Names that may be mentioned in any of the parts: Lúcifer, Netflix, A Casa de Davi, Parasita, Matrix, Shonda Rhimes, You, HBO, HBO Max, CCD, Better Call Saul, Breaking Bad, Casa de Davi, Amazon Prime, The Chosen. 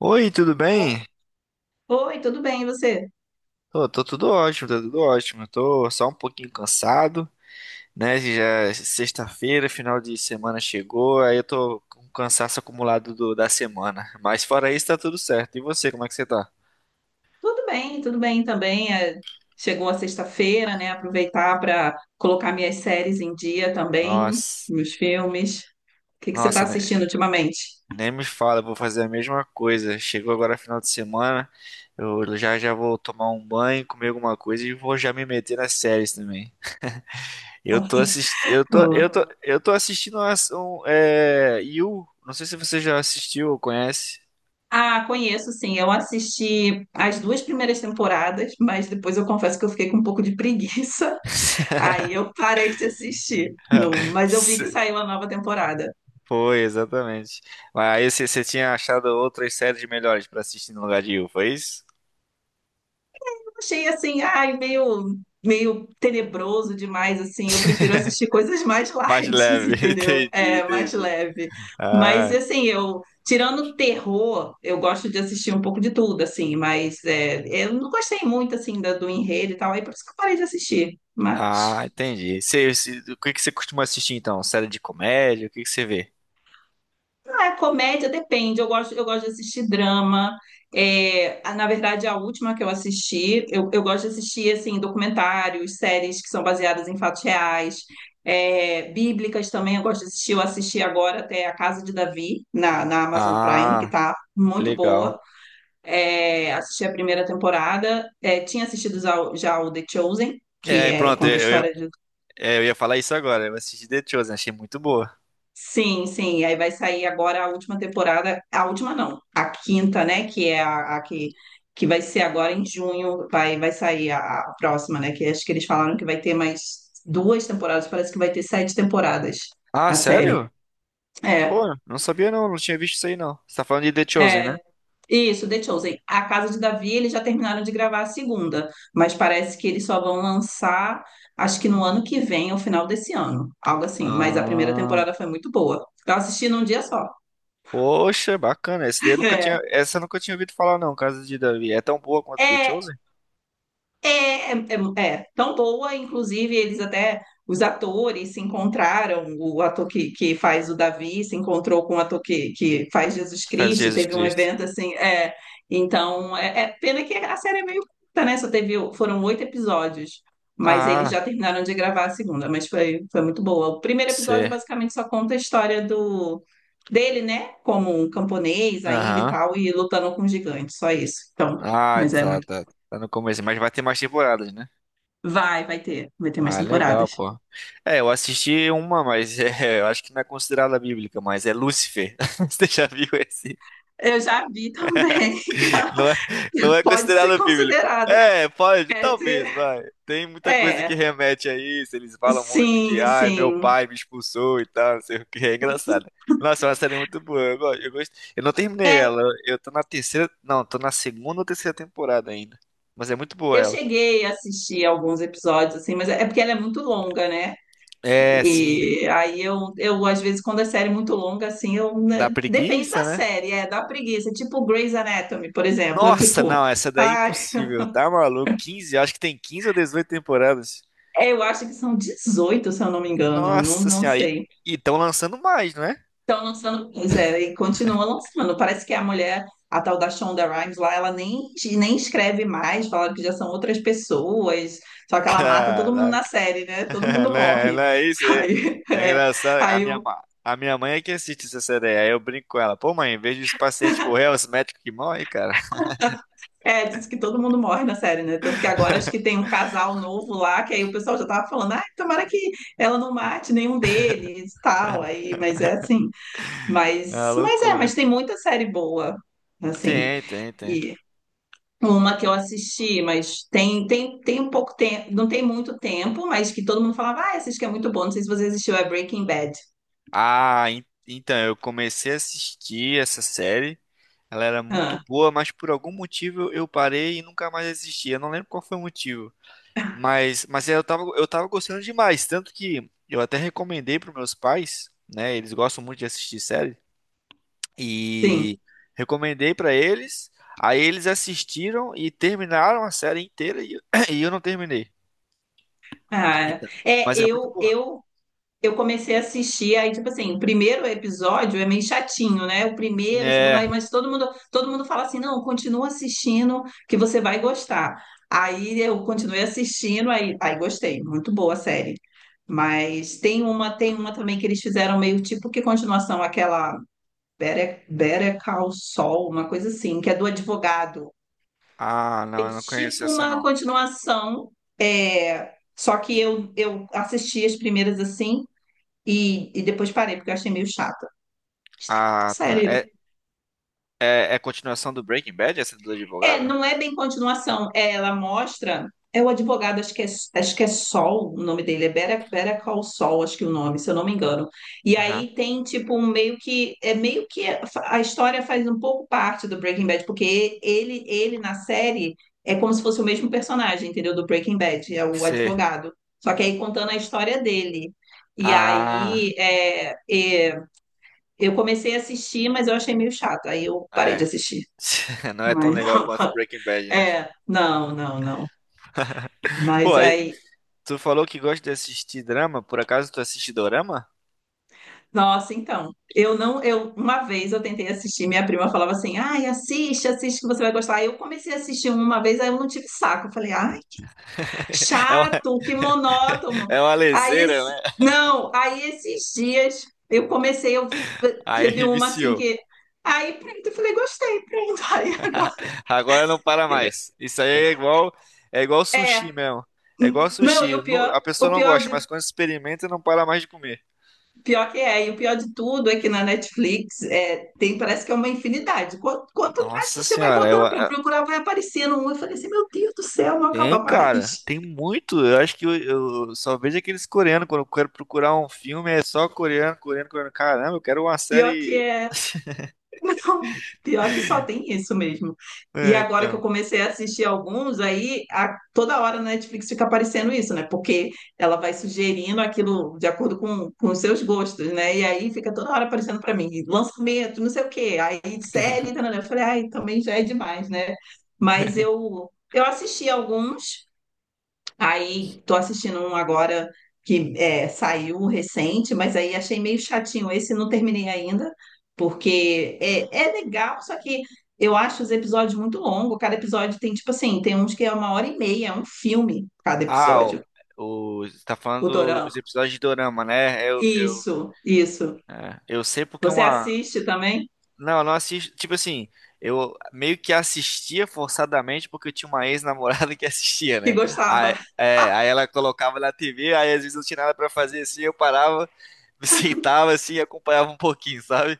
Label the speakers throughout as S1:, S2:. S1: Oi, tudo
S2: O-
S1: bem?
S2: Oi, tudo bem, e você?
S1: Tô tudo ótimo, tá tudo ótimo. Eu tô só um pouquinho cansado, né? Já é sexta-feira, final de semana chegou, aí eu tô com um cansaço acumulado da semana. Mas fora isso, tá tudo certo. E você, como é que você tá?
S2: Tudo bem também. Chegou a sexta-feira, né? Aproveitar para colocar minhas séries em dia também,
S1: Nossa,
S2: meus filmes. O que que você está
S1: nossa, né?
S2: assistindo ultimamente?
S1: Nem me fala, eu vou fazer a mesma coisa. Chegou agora final de semana, eu já vou tomar um banho, comer alguma coisa e vou já me meter nas séries também. Eu tô assistindo, eu tô,
S2: Oh.
S1: eu tô, eu tô assistindo You. Não sei se você já assistiu ou conhece.
S2: Ah, conheço sim. Eu assisti as duas primeiras temporadas, mas depois eu confesso que eu fiquei com um pouco de preguiça. Aí eu parei de assistir. Não, mas eu vi que
S1: Se-
S2: saiu a nova temporada.
S1: Foi, exatamente. Mas aí você tinha achado outras séries melhores pra assistir no lugar de You, foi isso?
S2: Achei assim, ai, meio tenebroso demais, assim. Eu prefiro assistir coisas mais
S1: Mais
S2: light,
S1: leve,
S2: entendeu?
S1: entendi,
S2: É, mais
S1: entendi.
S2: leve. Mas
S1: Ah,
S2: assim, eu tirando terror, eu gosto de assistir um pouco de tudo, assim, mas eu não gostei muito assim do enredo e tal, aí por isso que eu parei de assistir.
S1: ah,
S2: Mas
S1: entendi. O que que você costuma assistir então? Série de comédia? O que que você vê?
S2: Ah, é comédia depende. Eu gosto de assistir drama. Na verdade, a última que eu assisti, eu gosto de assistir assim documentários, séries que são baseadas em fatos reais, bíblicas também. Eu gosto de assistir. Eu assisti agora até A Casa de Davi na Amazon Prime, que
S1: Ah,
S2: tá muito
S1: legal.
S2: boa. Assisti a primeira temporada. Tinha assistido já, já o The Chosen, que
S1: É,
S2: é
S1: pronto,
S2: conta a
S1: eu, eu,
S2: história de
S1: é, eu ia falar isso agora. Eu assisti The Chosen, achei muito boa.
S2: Sim, sim. Aí vai sair agora a última temporada, a última não, a quinta, né? Que é a que vai ser agora em junho, vai sair a próxima, né? Que acho que eles falaram que vai ter mais duas temporadas, parece que vai ter sete temporadas
S1: Ah,
S2: a série.
S1: sério?
S2: É,
S1: Pô, não sabia não, não tinha visto isso aí não. Você tá falando de The Chosen, né?
S2: é. Isso, The Chosen. A Casa de Davi, eles já terminaram de gravar a segunda, mas parece que eles só vão lançar, acho que no ano que vem, ao final desse ano, algo assim. Mas a primeira
S1: Ah,
S2: temporada foi muito boa. Eu assisti num dia só.
S1: poxa, bacana. Essa daí eu nunca tinha ouvido falar não, Casa de Davi. É tão boa quanto The
S2: É. É,
S1: Chosen?
S2: É, é, é. tão boa, inclusive eles até, os atores se encontraram, o ator que faz o Davi se encontrou com o ator que faz Jesus
S1: Faz
S2: Cristo,
S1: Jesus
S2: teve um
S1: Cristo.
S2: evento assim. Então pena que a série é meio curta, né, só teve, foram oito episódios, mas eles
S1: Ah,
S2: já terminaram de gravar a segunda, mas foi muito boa. O primeiro episódio
S1: cê.
S2: basicamente só conta a história dele, né, como um camponês ainda e
S1: Aham.
S2: tal, e lutando com gigantes, só isso, então,
S1: Ah,
S2: mas é
S1: tá,
S2: muito
S1: tá. Tá no começo, mas vai ter mais temporadas, né?
S2: Vai ter. Vai ter mais
S1: Ah, legal,
S2: temporadas.
S1: pô. É, eu assisti uma, mas é, eu acho que não é considerada bíblica, mas é Lúcifer. Você já viu esse?
S2: Eu já vi também.
S1: Não é, não é
S2: Pode ser
S1: considerado bíblico.
S2: considerada.
S1: É, pode,
S2: É, se-
S1: talvez, vai. Tem muita coisa que
S2: é.
S1: remete a isso. Eles falam muito que,
S2: Sim,
S1: ai, meu
S2: sim.
S1: pai me expulsou e tal, não sei o que. É engraçado. Nossa, é uma série muito boa. Eu gosto. Eu não terminei
S2: É,
S1: ela. Eu tô na terceira. Não, tô na segunda ou terceira temporada ainda. Mas é muito boa
S2: eu
S1: ela.
S2: cheguei a assistir alguns episódios, assim, mas é porque ela é muito longa, né?
S1: É, sim.
S2: E aí eu às vezes, quando a série é muito longa, assim, eu. né?
S1: Dá
S2: Depende da
S1: preguiça, né?
S2: série, da preguiça. Tipo Grey's Anatomy, por exemplo. Eu,
S1: Nossa,
S2: tipo,
S1: não, essa daí é
S2: ai,
S1: impossível. Tá maluco? 15, acho que tem 15 ou 18 temporadas.
S2: eu acho que são 18, se eu não me engano. Não,
S1: Nossa
S2: não
S1: senhora. E
S2: sei.
S1: estão lançando mais, não é?
S2: Estão lançando, pois é, e continua lançando. Parece que a mulher, a tal da Shonda Rhimes lá, ela nem escreve mais, falaram que já são outras pessoas, só que ela mata todo mundo na
S1: Caraca,
S2: série, né? Todo mundo
S1: não é,
S2: morre.
S1: não é isso? É,
S2: Aí,
S1: é
S2: é,
S1: engraçado. A
S2: aí
S1: minha,
S2: o-
S1: ma- a minha mãe é que assiste CCD, aí eu brinco com ela. Pô, mãe, em vez dos pacientes morrer, é os médicos que morrem, cara.
S2: é, diz que todo mundo morre na série, né? Tanto que agora acho que tem um casal novo lá, que aí o pessoal já tava falando, ah, tomara que ela não mate nenhum deles, tal, aí, mas é assim.
S1: É uma
S2: Mas
S1: loucura.
S2: tem muita série boa, assim.
S1: Tem.
S2: Uma que eu assisti, mas tem um pouco tempo, não tem muito tempo, mas que todo mundo falava, ah, essa que é muito bom, não sei se você assistiu, é Breaking Bad.
S1: Ah, então, eu comecei a assistir essa série. Ela era muito
S2: Ah,
S1: boa, mas por algum motivo eu parei e nunca mais assisti. Eu não lembro qual foi o motivo. Mas eu tava gostando demais. Tanto que eu até recomendei para meus pais, né? Eles gostam muito de assistir série.
S2: sim.
S1: E recomendei pra eles. Aí eles assistiram e terminaram a série inteira e, e eu não terminei.
S2: Ah,
S1: Então, mas é muito
S2: eu,
S1: boa.
S2: eu, eu comecei a assistir, aí, tipo assim, o primeiro episódio é meio chatinho, né? O primeiro, o segundo,
S1: É.
S2: aí, mas todo mundo fala assim, não, continua assistindo que você vai gostar. Aí eu continuei assistindo, aí gostei, muito boa a série. Mas tem uma também que eles fizeram meio tipo que continuação, aquela Better Call Saul, uma coisa assim, que é do advogado.
S1: Ah,
S2: É
S1: não, eu não conheço
S2: tipo
S1: essa
S2: uma
S1: não.
S2: continuação, só que
S1: De-
S2: eu assisti as primeiras assim e depois parei, porque eu achei meio chata.
S1: Ah, tá.
S2: Sério,
S1: É, é continuação do Breaking Bad, essa do advogado?
S2: Não é bem continuação. É, ela mostra. É o advogado, acho que é Sol, o nome dele é Better Call Sol, acho que é o nome, se eu não me engano. E
S1: Aham.
S2: aí tem tipo um meio que é meio que a história faz um pouco parte do Breaking Bad, porque ele na série é como se fosse o mesmo personagem, entendeu? Do Breaking Bad, é o
S1: C.
S2: advogado. Só que aí contando a história dele. E
S1: Ah,
S2: aí é, eu comecei a assistir, mas eu achei meio chato. Aí eu parei de
S1: é.
S2: assistir.
S1: Não é tão
S2: Mas
S1: legal quanto Breaking Bad, né?
S2: não, não, não.
S1: Pô,
S2: Mas
S1: aí,
S2: aí,
S1: tu falou que gosta de assistir drama, por acaso tu assiste dorama?
S2: nossa, então, eu não, eu uma vez eu tentei assistir, minha prima falava assim: "Ai, assiste, assiste que você vai gostar". Aí eu comecei a assistir uma vez, aí eu não tive saco. Eu falei: "Ai,
S1: É uma,
S2: chato, que monótono".
S1: é uma
S2: Aí
S1: leseira,
S2: esse,
S1: né?
S2: não, aí esses dias eu comecei, eu teve
S1: Aí
S2: uma assim
S1: viciou.
S2: que aí pronto, eu falei: "Gostei, pronto". Aí agora,
S1: Agora não para mais. Isso aí é igual
S2: é,
S1: sushi mesmo. É igual
S2: não, e
S1: sushi. A pessoa
S2: o
S1: não
S2: pior
S1: gosta,
S2: de
S1: mas quando experimenta, não para mais de comer.
S2: Pior que é, e o pior de tudo é que na Netflix tem, parece que é uma infinidade. Quanto mais
S1: Nossa
S2: você vai
S1: senhora,
S2: botando para procurar, vai aparecendo um. Eu falei assim, meu Deus do céu, não acaba
S1: tem, cara,
S2: mais.
S1: tem muito. Eu acho que eu só vejo aqueles coreanos. Quando eu quero procurar um filme, é só coreano. Caramba, eu quero uma
S2: Pior que
S1: série.
S2: é Então, pior que só tem isso mesmo. E
S1: É,
S2: agora que eu
S1: então.
S2: comecei a assistir alguns, aí toda hora na Netflix fica aparecendo isso, né? Porque ela vai sugerindo aquilo de acordo com os seus gostos, né? E aí fica toda hora aparecendo pra mim, lançamento, não sei o quê. Aí série, tá, né? Eu falei, ai, também já é demais, né? Mas eu assisti alguns. Aí tô assistindo um agora que saiu recente, mas aí achei meio chatinho esse, não terminei ainda, porque é legal, só que eu acho os episódios muito longos. Cada episódio tem, tipo assim, tem uns que é uma hora e meia, é um filme cada
S1: Ah,
S2: episódio,
S1: você tá
S2: o
S1: falando
S2: Dorama.
S1: dos episódios de Dorama, né? Eu, eu,
S2: Isso, isso.
S1: é, eu sei porque
S2: Você
S1: uma.
S2: assiste também?
S1: Não, eu não assisto. Tipo assim, eu meio que assistia forçadamente porque eu tinha uma ex-namorada que assistia,
S2: Que
S1: né? Aí,
S2: gostava.
S1: é, aí ela colocava na TV, aí às vezes eu não tinha nada pra fazer assim, eu parava, me sentava assim e acompanhava um pouquinho, sabe?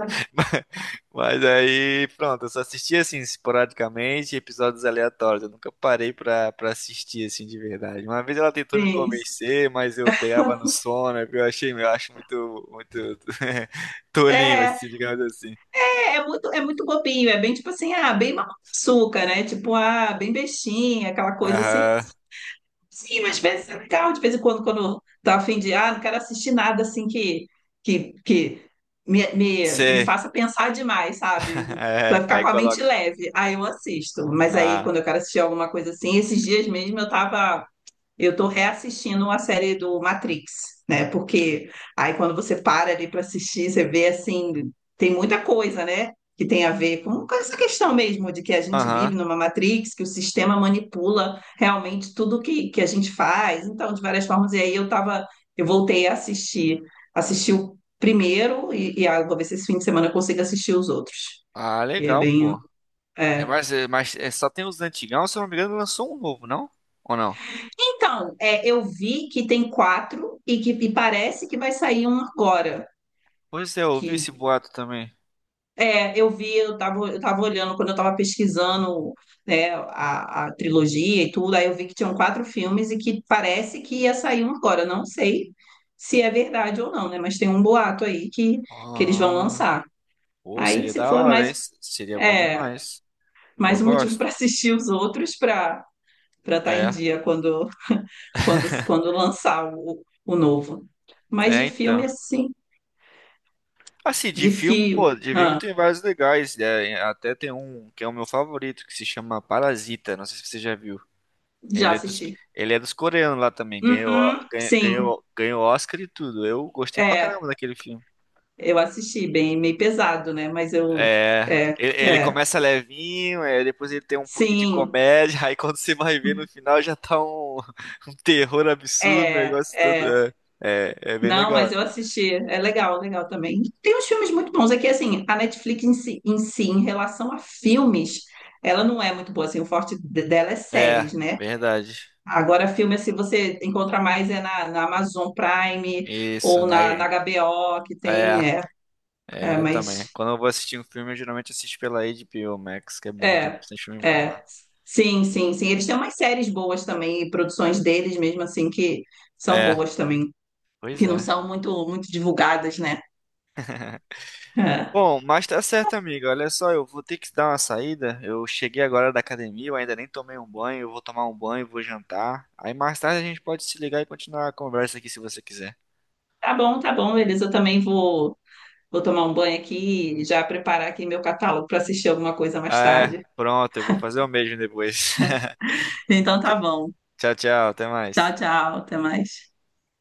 S1: Mas, mas aí, pronto, eu só assistia assim, esporadicamente, episódios aleatórios. Eu nunca parei pra assistir assim de verdade. Uma vez ela tentou me
S2: Sim.
S1: convencer, mas eu pegava no sono, eu acho muito tolinho,
S2: É,
S1: assim, digamos assim.
S2: é muito bobinho, é bem tipo assim, ah, bem mamão com açúcar, né? Tipo, ah, bem bestinha, aquela coisa assim.
S1: Aham.
S2: Sim, mas parece ser legal de vez em quando, quando tá a fim de, ah, não quero assistir nada assim que me
S1: Sei.
S2: faça pensar demais, sabe? Pra
S1: É,
S2: ficar
S1: aí
S2: com a mente
S1: coloca.
S2: leve. Aí eu assisto. Mas aí,
S1: Ah,
S2: quando eu quero assistir alguma coisa assim, esses dias mesmo eu tava. Eu estou reassistindo uma série do Matrix, né? Porque aí quando você para ali para assistir, você vê assim, tem muita coisa, né? Que tem a ver com essa questão mesmo de que a gente vive
S1: aham.
S2: numa Matrix, que o sistema manipula realmente tudo que a gente faz, então, de várias formas, e aí eu voltei a assistir, assisti o primeiro, e ah, vou ver se esse fim de semana eu consigo assistir os outros,
S1: Ah,
S2: que é
S1: legal,
S2: bem.
S1: pô. É,
S2: é,
S1: mas é, só tem os antigão, se eu não me engano, lançou um novo, não? Ou não?
S2: Então, eu vi que tem quatro e parece que vai sair um agora.
S1: Pois é, eu ouvi esse
S2: Que
S1: boato também.
S2: é, eu vi, eu tava olhando quando eu tava pesquisando, né, a trilogia e tudo, aí eu vi que tinham quatro filmes e que parece que ia sair um agora. Eu não sei se é verdade ou não, né? Mas tem um boato aí que eles vão
S1: Ah,
S2: lançar.
S1: pô,
S2: Aí,
S1: seria
S2: se
S1: da
S2: for
S1: hora, hein?
S2: mais,
S1: Seria bom
S2: é,
S1: demais. Eu
S2: mais um motivo
S1: gosto.
S2: para assistir os outros para estar em
S1: É,
S2: dia quando lançar o novo. Mas
S1: é
S2: de
S1: então.
S2: filme, assim,
S1: Assim, de
S2: de
S1: filme,
S2: filme,
S1: pô, de filme
S2: ah,
S1: tem vários legais, né? Até tem um que é o meu favorito, que se chama Parasita. Não sei se você já viu.
S2: já
S1: Ele é dos,
S2: assisti.
S1: ele é dos coreanos lá também.
S2: Uhum, sim,
S1: Ganhou Oscar e tudo. Eu gostei pra
S2: é,
S1: caramba daquele filme.
S2: eu assisti, bem, meio pesado, né?
S1: É,
S2: É,
S1: ele
S2: é,
S1: começa levinho, é, depois ele tem um pouquinho de
S2: sim,
S1: comédia, aí quando você vai ver no final já tá um, um terror absurdo, um
S2: é,
S1: negócio todo.
S2: é.
S1: É, é bem
S2: Não,
S1: legal.
S2: mas eu assisti, é legal, legal também. Tem uns filmes muito bons, é que, assim, a Netflix em si, em si, em relação a filmes, ela não é muito boa, assim, o forte dela é
S1: É,
S2: séries, né?
S1: verdade.
S2: Agora, filme assim, você encontra mais é na Amazon Prime
S1: Isso,
S2: ou na
S1: naí.
S2: HBO, que
S1: É,
S2: tem,
S1: é, eu
S2: mas,
S1: também. Quando eu vou assistir um filme, eu geralmente assisto pela HBO Max, que é bom, tem
S2: é,
S1: bastante filme bom
S2: é,
S1: lá.
S2: sim, sim, sim. Eles têm umas séries boas também, e produções deles mesmo assim, que são
S1: É,
S2: boas também,
S1: pois
S2: que não
S1: é.
S2: são muito, muito divulgadas, né? É.
S1: Bom, mas tá certo, amigo. Olha só, eu vou ter que dar uma saída. Eu cheguei agora da academia, eu ainda nem tomei um banho. Eu vou tomar um banho, vou jantar. Aí mais tarde a gente pode se ligar e continuar a conversa aqui se você quiser.
S2: Tá bom, Elisa, eu também vou tomar um banho aqui e já preparar aqui meu catálogo para assistir alguma coisa mais
S1: Ah, é,
S2: tarde.
S1: pronto, eu vou fazer o mesmo depois.
S2: Então tá bom.
S1: Tchau, até mais.
S2: Tchau, tchau, até mais.